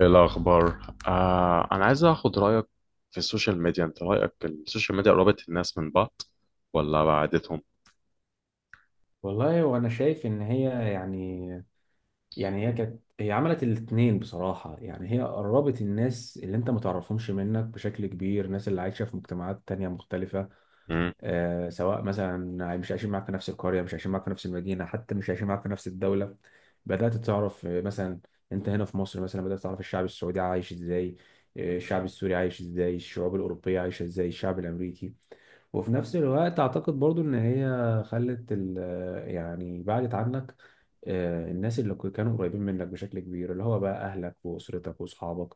إيه الأخبار؟ أنا عايز أخد رأيك في السوشيال ميديا. أنت رأيك السوشيال ميديا قربت الناس من بعض ولا بعدتهم؟ والله وانا شايف ان هي يعني يعني هي كانت هي عملت الاتنين بصراحة، يعني هي قربت الناس اللي انت ما تعرفهمش منك بشكل كبير، الناس اللي عايشة في مجتمعات تانية مختلفة. مم. سواء مثلا مش عايشين معاك في نفس القرية، مش عايشين معاك في نفس المدينة، حتى مش عايشين معاك في نفس الدولة. بدأت تعرف، مثلا انت هنا في مصر مثلا بدأت تعرف الشعب السعودي عايش ازاي، الشعب السوري عايش ازاي، الشعوب الأوروبية عايشة ازاي، الشعب الأمريكي. وفي نفس الوقت اعتقد برضو ان هي خلت ال يعني بعدت عنك. الناس اللي كانوا قريبين منك بشكل كبير، اللي هو بقى اهلك واسرتك واصحابك.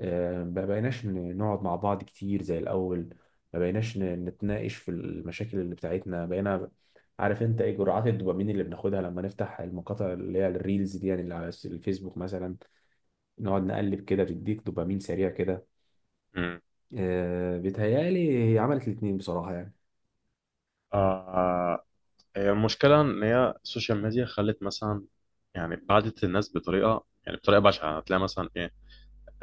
ما بقيناش نقعد مع بعض كتير زي الاول، ما بقيناش نتناقش في المشاكل اللي بتاعتنا. بقينا عارف انت ايه جرعات الدوبامين اللي بناخدها لما نفتح المقاطع اللي هي الريلز دي، يعني اللي على الفيسبوك مثلا، نقعد نقلب كده بتديك دوبامين سريع كده. مم. بيتهيألي هي عملت الاتنين بصراحة يعني. آه هي المشكلة إن هي السوشيال ميديا خلت مثلا، يعني بعدت الناس بطريقة، يعني بطريقة بشعة. هتلاقي مثلا إيه،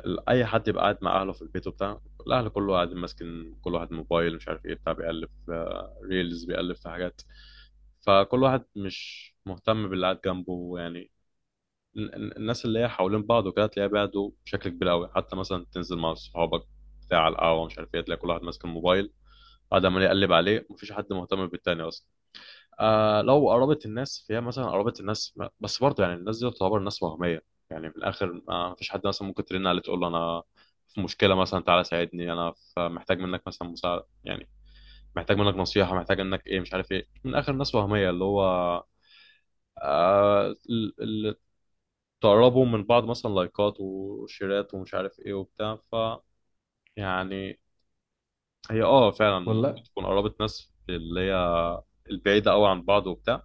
أي حد يبقى قاعد مع أهله في البيت وبتاع. الأهل كله قاعد ماسكين، كل واحد موبايل مش عارف إيه بتاع، بيقلب في ريلز بيقلب في حاجات. فكل واحد مش مهتم باللي قاعد جنبه يعني. الناس اللي هي حوالين بعض وكده تلاقيها بعدوا بشكل كبير قوي. حتى مثلا تنزل مع صحابك بتاع على القهوه مش عارف ايه، تلاقي كل واحد ماسك الموبايل قاعد عمال يقلب عليه، مفيش حد مهتم بالتاني اصلا. آه، لو قربت الناس فهي مثلا قربت الناس، بس برضه يعني الناس دي تعتبر ناس وهميه. يعني في الاخر ما فيش حد مثلا ممكن ترن عليه تقول له انا في مشكله مثلا، تعالى ساعدني، انا محتاج منك مثلا مساعده يعني. محتاج منك نصيحه، محتاج انك ايه مش عارف ايه، من اخر ناس وهميه اللي هو تقربوا من بعض مثلا لايكات وشيرات ومش عارف ايه وبتاع، ف يعني هي اه فعلا والله تكون قربت ناس اللي هي البعيدة قوي عن بعض وبتاع،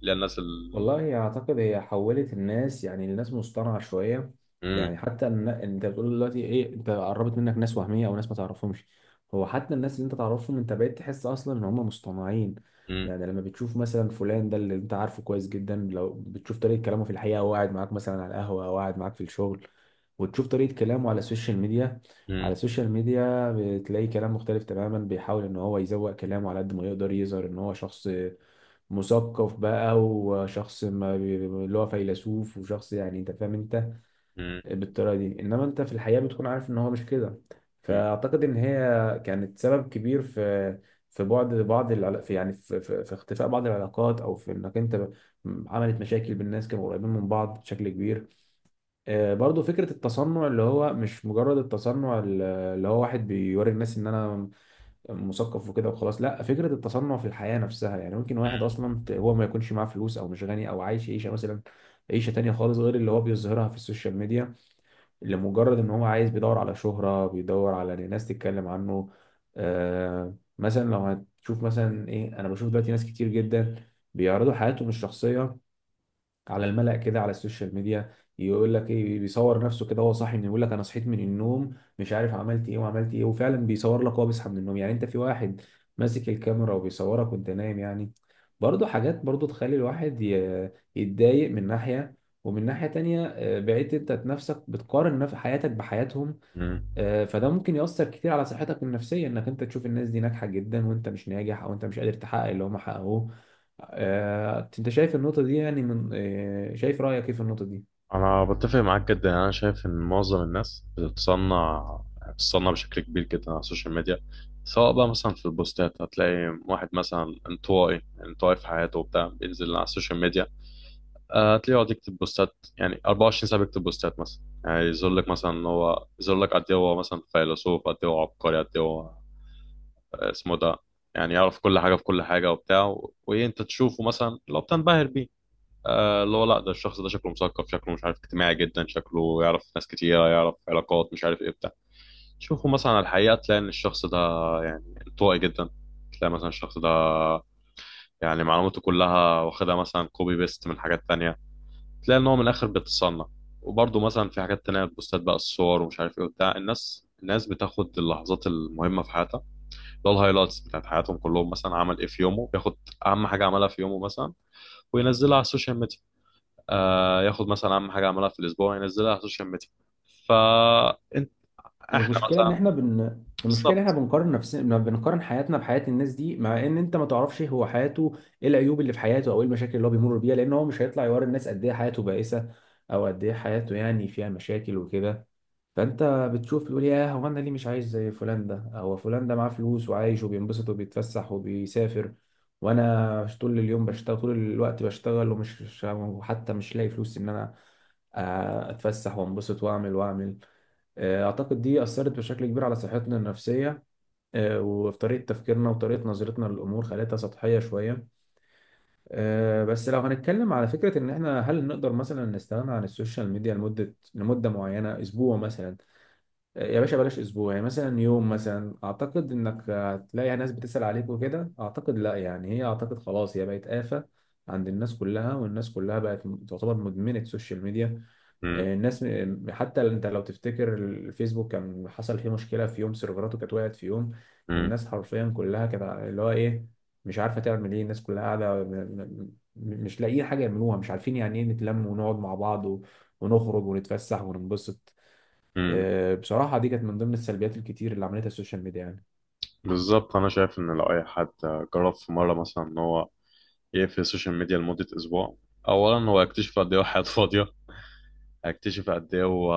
اللي هي الناس والله اعتقد هي حولت الناس، يعني الناس مصطنعه شويه. مم. يعني حتى إن انت بتقول دلوقتي ايه، انت قربت منك ناس وهميه او ناس ما تعرفهمش، هو حتى الناس اللي انت تعرفهم انت بقيت تحس اصلا ان هم مصطنعين. مم. يعني لما بتشوف مثلا فلان ده اللي انت عارفه كويس جدا، لو بتشوف طريقه كلامه في الحقيقه وهو قاعد معاك مثلا على القهوه او قاعد معاك في الشغل، وتشوف طريقه كلامه على السوشيال ميديا، على مم. السوشيال ميديا بتلاقي كلام مختلف تماما. بيحاول ان هو يزوق كلامه على قد ما يقدر، يظهر ان هو شخص مثقف بقى، وشخص ما بي- اللي هو فيلسوف، وشخص يعني انت فاهم انت مم. بالطريقه دي، انما انت في الحقيقه بتكون عارف ان هو مش كده. مم. فاعتقد ان هي كانت سبب كبير في في بعد بعض العلا- في يعني في, في, في اختفاء بعض العلاقات، او في انك انت عملت مشاكل بالناس كانوا قريبين من بعض بشكل كبير. برضو فكره التصنع، اللي هو مش مجرد التصنع اللي هو واحد بيوري الناس ان انا مثقف وكده وخلاص، لا فكره التصنع في الحياه نفسها. يعني ممكن واحد اصلا هو ما يكونش معاه فلوس او مش غني او عايش عيشه مثلا عيشه تانية خالص غير اللي هو بيظهرها في السوشيال ميديا، اللي مجرد ان هو عايز، بيدور على شهره، بيدور على إن ناس تتكلم عنه. مثلا لو هتشوف مثلا ايه، انا بشوف دلوقتي ناس كتير جدا بيعرضوا حياتهم الشخصيه على الملأ كده على السوشيال ميديا. يقول لك ايه، بيصور نفسه كده وهو صاحي، من يقول لك انا صحيت من النوم مش عارف عملت ايه وعملت ايه، وفعلا بيصور لك وهو بيصحى من النوم. يعني انت في واحد ماسك الكاميرا وبيصورك وانت نايم يعني. برضه حاجات برضه تخلي الواحد يتضايق من ناحية، ومن ناحية تانية، بقيت انت نفسك بتقارن حياتك بحياتهم. مم. فده ممكن يأثر كتير على صحتك النفسية، انك انت تشوف الناس دي ناجحة جدا وانت مش ناجح، او انت مش قادر تحقق اللي هم حققوه. انت شايف النقطة دي يعني من، شايف رأيك ايه في النقطة دي؟ انا بتفق معاك جدا، يعني انا شايف ان معظم الناس بتتصنع، يعني بتتصنع بشكل كبير جدا على السوشيال ميديا. سواء بقى مثلا في البوستات، هتلاقي واحد مثلا انطوائي انطوائي في حياته وبتاع بينزل على السوشيال ميديا. هتلاقيه يقعد يكتب بوستات يعني 24 ساعة بيكتب بوستات مثلا، يعني يظهر لك مثلا إن هو يظهر لك قد إيه هو مثلا فيلسوف، قد إيه هو عبقري، قد إيه هو، اسمه ده. يعني يعرف كل حاجة في كل حاجة وبتاع، وإيه أنت تشوفه مثلا لو بتنبهر بيه. اللي هو لا، ده الشخص ده شكله مثقف، شكله مش عارف اجتماعي جدا، شكله يعرف ناس كتيرة يعرف علاقات مش عارف إيه بتاع. تشوفه مثلا على الحقيقة تلاقي إن الشخص ده يعني انطوائي جدا. تلاقي مثلا الشخص ده يعني معلوماته كلها واخدها مثلا كوبي بيست من حاجات تانية. تلاقي ان هو من الاخر بيتصنع. وبرضه مثلا في حاجات تانية بوستات بقى الصور ومش عارف ايه وبتاع، الناس الناس بتاخد اللحظات المهمة في حياتها، اللي هو الهايلايتس بتاعت حياتهم، كلهم مثلا عمل ايه في يومه بياخد أهم حاجة عملها في يومه مثلا وينزلها على السوشيال ميديا. ياخد مثلا أهم حاجة عملها في الأسبوع ينزلها على السوشيال ميديا. فأنت إحنا والمشكله ان مثلا احنا المشكله احنا بالظبط. بنقارن نفسنا، بنقارن حياتنا بحياه الناس دي، مع ان انت ما تعرفش هو حياته ايه، العيوب اللي في حياته او ايه المشاكل اللي هو بيمر بيها، لان هو مش هيطلع يوري الناس قد ايه حياته بائسه او قد ايه حياته يعني فيها مشاكل وكده. فانت بتشوف تقول ياه، هو انا ليه مش عايش زي فلان ده؟ هو فلان ده معاه فلوس وعايش وبينبسط وبيتفسح وبيسافر، وانا مش طول اليوم بشتغل، طول الوقت بشتغل، ومش مش- وحتى مش لاقي فلوس ان انا اتفسح وانبسط واعمل واعمل. اعتقد دي اثرت بشكل كبير على صحتنا النفسيه، وفي طريقه تفكيرنا وطريقه نظرتنا للامور، خلتها سطحيه شويه. بس لو هنتكلم على فكره ان احنا هل نقدر مثلا نستغنى عن السوشيال ميديا لمده، لمده معينه، اسبوع مثلا؟ يا باشا بلاش اسبوع، يعني مثلا يوم مثلا، اعتقد انك هتلاقي ناس بتسأل عليك وكده. اعتقد لا، يعني هي اعتقد خلاص هي بقت آفة عند الناس كلها، والناس كلها بقت تعتبر مدمنة سوشيال ميديا. مم. الناس حتى انت لو تفتكر الفيسبوك كان حصل فيه مشكلة في يوم، سيرفراته كانت وقعت في يوم، مم. الناس حرفيا كلها كانت اللي هو ايه، مش عارفة تعمل ايه. الناس كلها قاعدة مش لاقيين حاجة يعملوها، مش عارفين يعني ايه نتلم ونقعد مع بعض ونخرج ونتفسح وننبسط. مم. بصراحة دي كانت من ضمن السلبيات الكتير اللي عملتها السوشيال ميديا يعني. بالظبط، أنا شايف إن لو أي حد جرب في مرة مثلا إن هو يقفل السوشيال ميديا لمدة أسبوع، أولا هو يكتشف قد إيه هو حياته فاضية. اكتشف قد ايه هو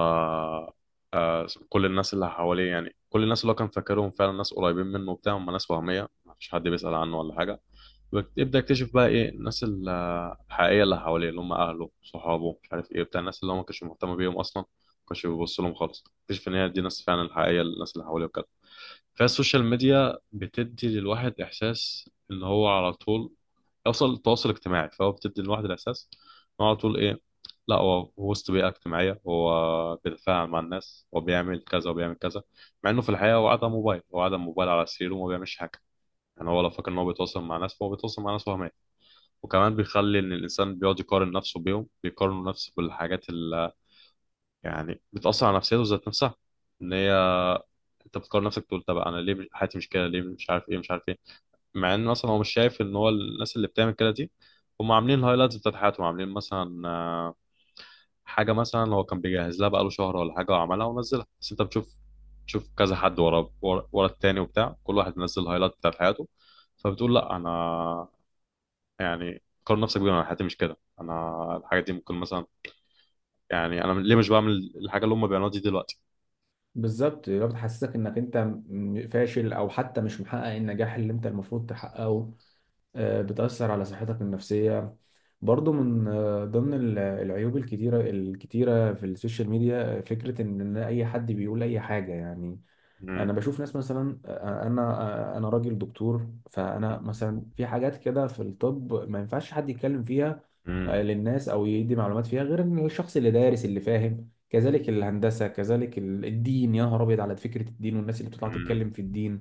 كل الناس اللي حواليه، يعني كل الناس اللي هو كان فاكرهم فعلا ناس قريبين منه وبتاع، هم ناس وهمية، مفيش حد بيسأل عنه ولا حاجة. يبدأ يكتشف بقى ايه الناس الحقيقية اللي حواليه، اللي هم أهله صحابه مش عارف ايه بتاع، الناس اللي هو ما كانش مهتم بيهم أصلا، ما كانش بيبص لهم خالص، اكتشف إن هي دي ناس فعلا الحقيقية، الناس اللي حواليه. فالسوشيال ميديا بتدي للواحد إحساس إن هو على طول يوصل التواصل الاجتماعي، فهو بتدي للواحد الإحساس إن هو على طول إيه، لا هو هو وسط بيئة اجتماعية، هو بيتفاعل مع الناس، هو بيعمل كذا وبيعمل كذا. مع إنه في الحقيقة هو قاعد على موبايل، هو قاعد على موبايل على سريره وما بيعملش حاجة. يعني هو لو فاكر إن هو بيتواصل مع ناس، فهو بيتواصل مع ناس وهمية. وكمان بيخلي إن الإنسان بيقعد يقارن نفسه بيهم، بيقارن نفسه بالحاجات اللي يعني بتأثر على نفسيته ذات نفسها. إن هي انت بتقارن نفسك، تقول طب انا ليه حياتي مش كده ليه، مش عارف ايه مش عارف ايه. مع ان اصلا هو مش شايف ان هو الناس اللي بتعمل كده دي هم عاملين الهايلايتس بتاعت حياتهم، عاملين مثلا حاجه مثلا هو كان بيجهز لها بقاله شهر ولا حاجه وعملها ونزلها، بس انت بتشوف، تشوف كذا حد ورا ورا ورا التاني وبتاع، كل واحد منزل الهايلايت بتاعت حياته. فبتقول لا انا يعني، قارن نفسك بيهم، انا حياتي مش كده، انا الحاجه دي ممكن مثلا يعني انا ليه مش بعمل الحاجه اللي هم بيعملوها دي دلوقتي. بالظبط. لو بتحسسك انك انت فاشل او حتى مش محقق النجاح اللي انت المفروض تحققه، بتأثر على صحتك النفسية. برضو من، ضمن العيوب الكتيرة الكتيرة في السوشيال ميديا، فكرة ان إن اي حد بيقول اي حاجة يعني. مم. انا بشوف ناس مثلا، انا راجل دكتور، فانا مثلا في حاجات كده في الطب ما ينفعش حد يتكلم فيها مم. للناس او يدي معلومات فيها، غير إن الشخص اللي دارس اللي فاهم. كذلك الهندسه، كذلك الدين، يا نهار ابيض على فكره الدين. والناس اللي بتطلع مم. تتكلم في الدين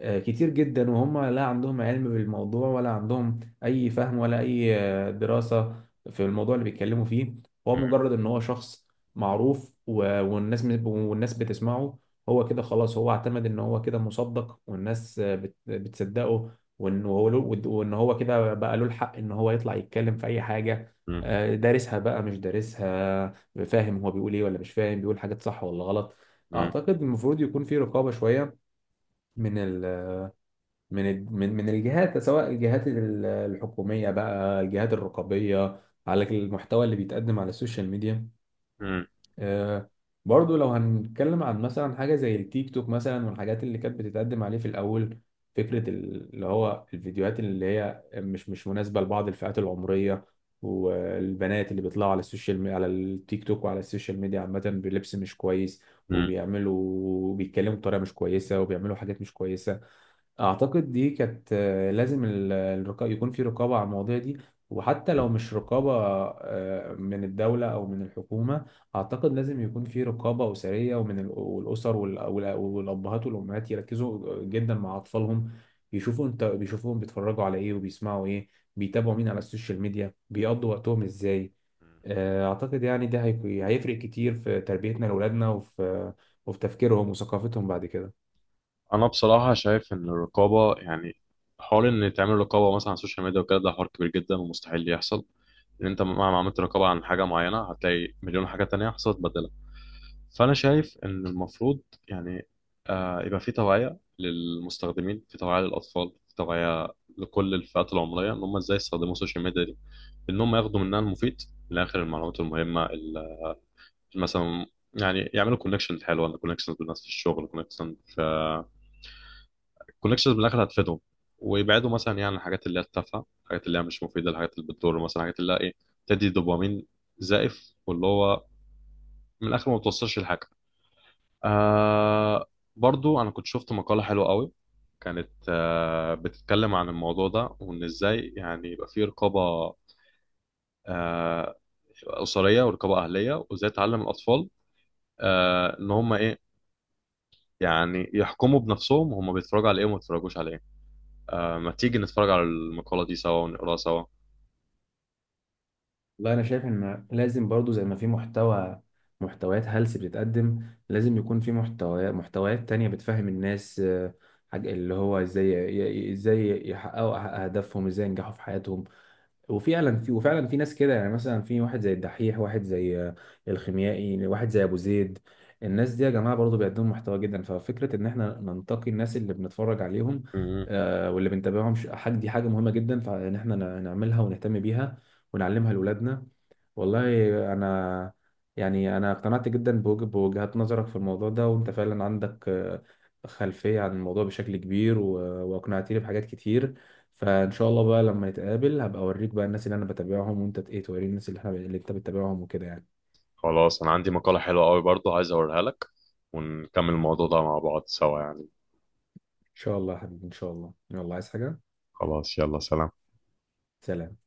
كتير جدا، وهم لا عندهم علم بالموضوع ولا عندهم اي فهم ولا اي دراسة في الموضوع اللي بيتكلموا فيه. هو مم. مجرد ان هو شخص معروف والناس بتسمعه، هو كده خلاص هو اعتمد ان هو كده مصدق والناس بتصدقه، وان هو له، وان هو كده بقى له الحق ان هو يطلع يتكلم في اي حاجة، مم. دارسها بقى مش دارسها، فاهم هو بيقول ايه ولا مش فاهم، بيقول حاجات صح ولا غلط. مم. اعتقد المفروض يكون في رقابة شوية من ال من الج- من من الجهات، سواء الجهات الحكومية بقى، الجهات الرقابية على المحتوى اللي بيتقدم على السوشيال ميديا. آه، برضو لو هنتكلم عن مثلا حاجة زي التيك توك مثلا والحاجات اللي كانت بتتقدم عليه في الأول، فكرة اللي هو الفيديوهات اللي هي مش مناسبة لبعض الفئات العمرية، والبنات اللي بيطلعوا على السوشيال ميديا، على التيك توك وعلى السوشيال ميديا عامة، بلبس مش كويس، مم. بيتكلموا بطريقة مش كويسة، وبيعملوا حاجات مش كويسة. اعتقد دي كانت، لازم يكون في رقابة على المواضيع دي. وحتى لو مش رقابة من الدولة او من الحكومة، اعتقد لازم يكون في رقابة اسرية، ومن والابهات والامهات يركزوا جدا مع اطفالهم، يشوفوا انت بيتفرجوا على ايه وبيسمعوا ايه، بيتابعوا مين على السوشيال ميديا، بيقضوا وقتهم ازاي. مم. اعتقد يعني ده هيفرق كتير في تربيتنا لاولادنا، وفي وفي تفكيرهم وثقافتهم بعد كده. انا بصراحه شايف ان الرقابه يعني حوار ان تعمل رقابه مثلا على السوشيال ميديا وكده، ده حوار كبير جدا ومستحيل يحصل. لان انت مهما عملت رقابه عن حاجه معينه هتلاقي مليون حاجه تانية حصلت بدلها. فانا شايف ان المفروض يعني يبقى في توعيه للمستخدمين، في توعيه للاطفال، في توعيه لكل الفئات العمريه، ان هم ازاي يستخدموا السوشيال ميديا دي، ان هم ياخدوا منها المفيد. من الاخر المعلومات المهمه مثلا، يعني يعملوا كونكشن حلوه، كونكشن بالناس في الشغل، كونكشن في الكونكشنز بالاخر هتفيدهم. ويبعدوا مثلا يعني عن الحاجات اللي هي التافهه، الحاجات اللي هي مش مفيده، الحاجات اللي بتضر مثلا، الحاجات اللي هي ايه بتدي دوبامين زائف، واللي هو من الاخر ما بتوصلش لحاجه. آه برضو انا كنت شفت مقاله حلوه قوي، كانت بتتكلم عن الموضوع ده، وان ازاي يعني يبقى في رقابه آه اسريه، ورقابه اهليه، وازاي تعلم الاطفال ان هم ايه يعني يحكموا بنفسهم هم بيتفرجوا على ايه وما بيتفرجوش على ايه. ما تيجي نتفرج على المقاله دي سوا ونقراها سوا. والله انا شايف ان لازم برضو، زي ما في محتويات هلس بتتقدم، لازم يكون في محتويات تانية بتفهم الناس، حاجة اللي هو ازاي ازاي يحققوا اهدافهم، ازاي ينجحوا في حياتهم. وفعلا في ناس كده يعني، مثلا في واحد زي الدحيح، واحد زي الخيميائي، واحد زي ابو زيد. الناس دي يا جماعة برضو بيقدموا محتوى جدا. ففكرة ان احنا ننتقي الناس اللي بنتفرج عليهم مم. واللي بنتابعهم حاجة دي حاجة مهمة جدا، فان احنا نعملها ونهتم بيها ونعلمها لأولادنا. والله انا يعني انا اقتنعت جدا بوجهات نظرك في الموضوع ده، وانت فعلا عندك خلفية عن الموضوع بشكل كبير واقنعتني بحاجات كتير. فان شاء الله بقى لما نتقابل هبقى اوريك بقى الناس اللي انا بتابعهم، وانت ت- ايه توريني الناس اللي احنا اللي انت بتتابعهم وكده يعني. خلاص، انا عندي مقالة حلوة قوي برضو عايز اوريها لك، ونكمل الموضوع ده مع بعض سوا يعني. ان شاء الله يا حبيبي، ان شاء الله. يلا، عايز حاجة؟ خلاص يلا سلام. سلام.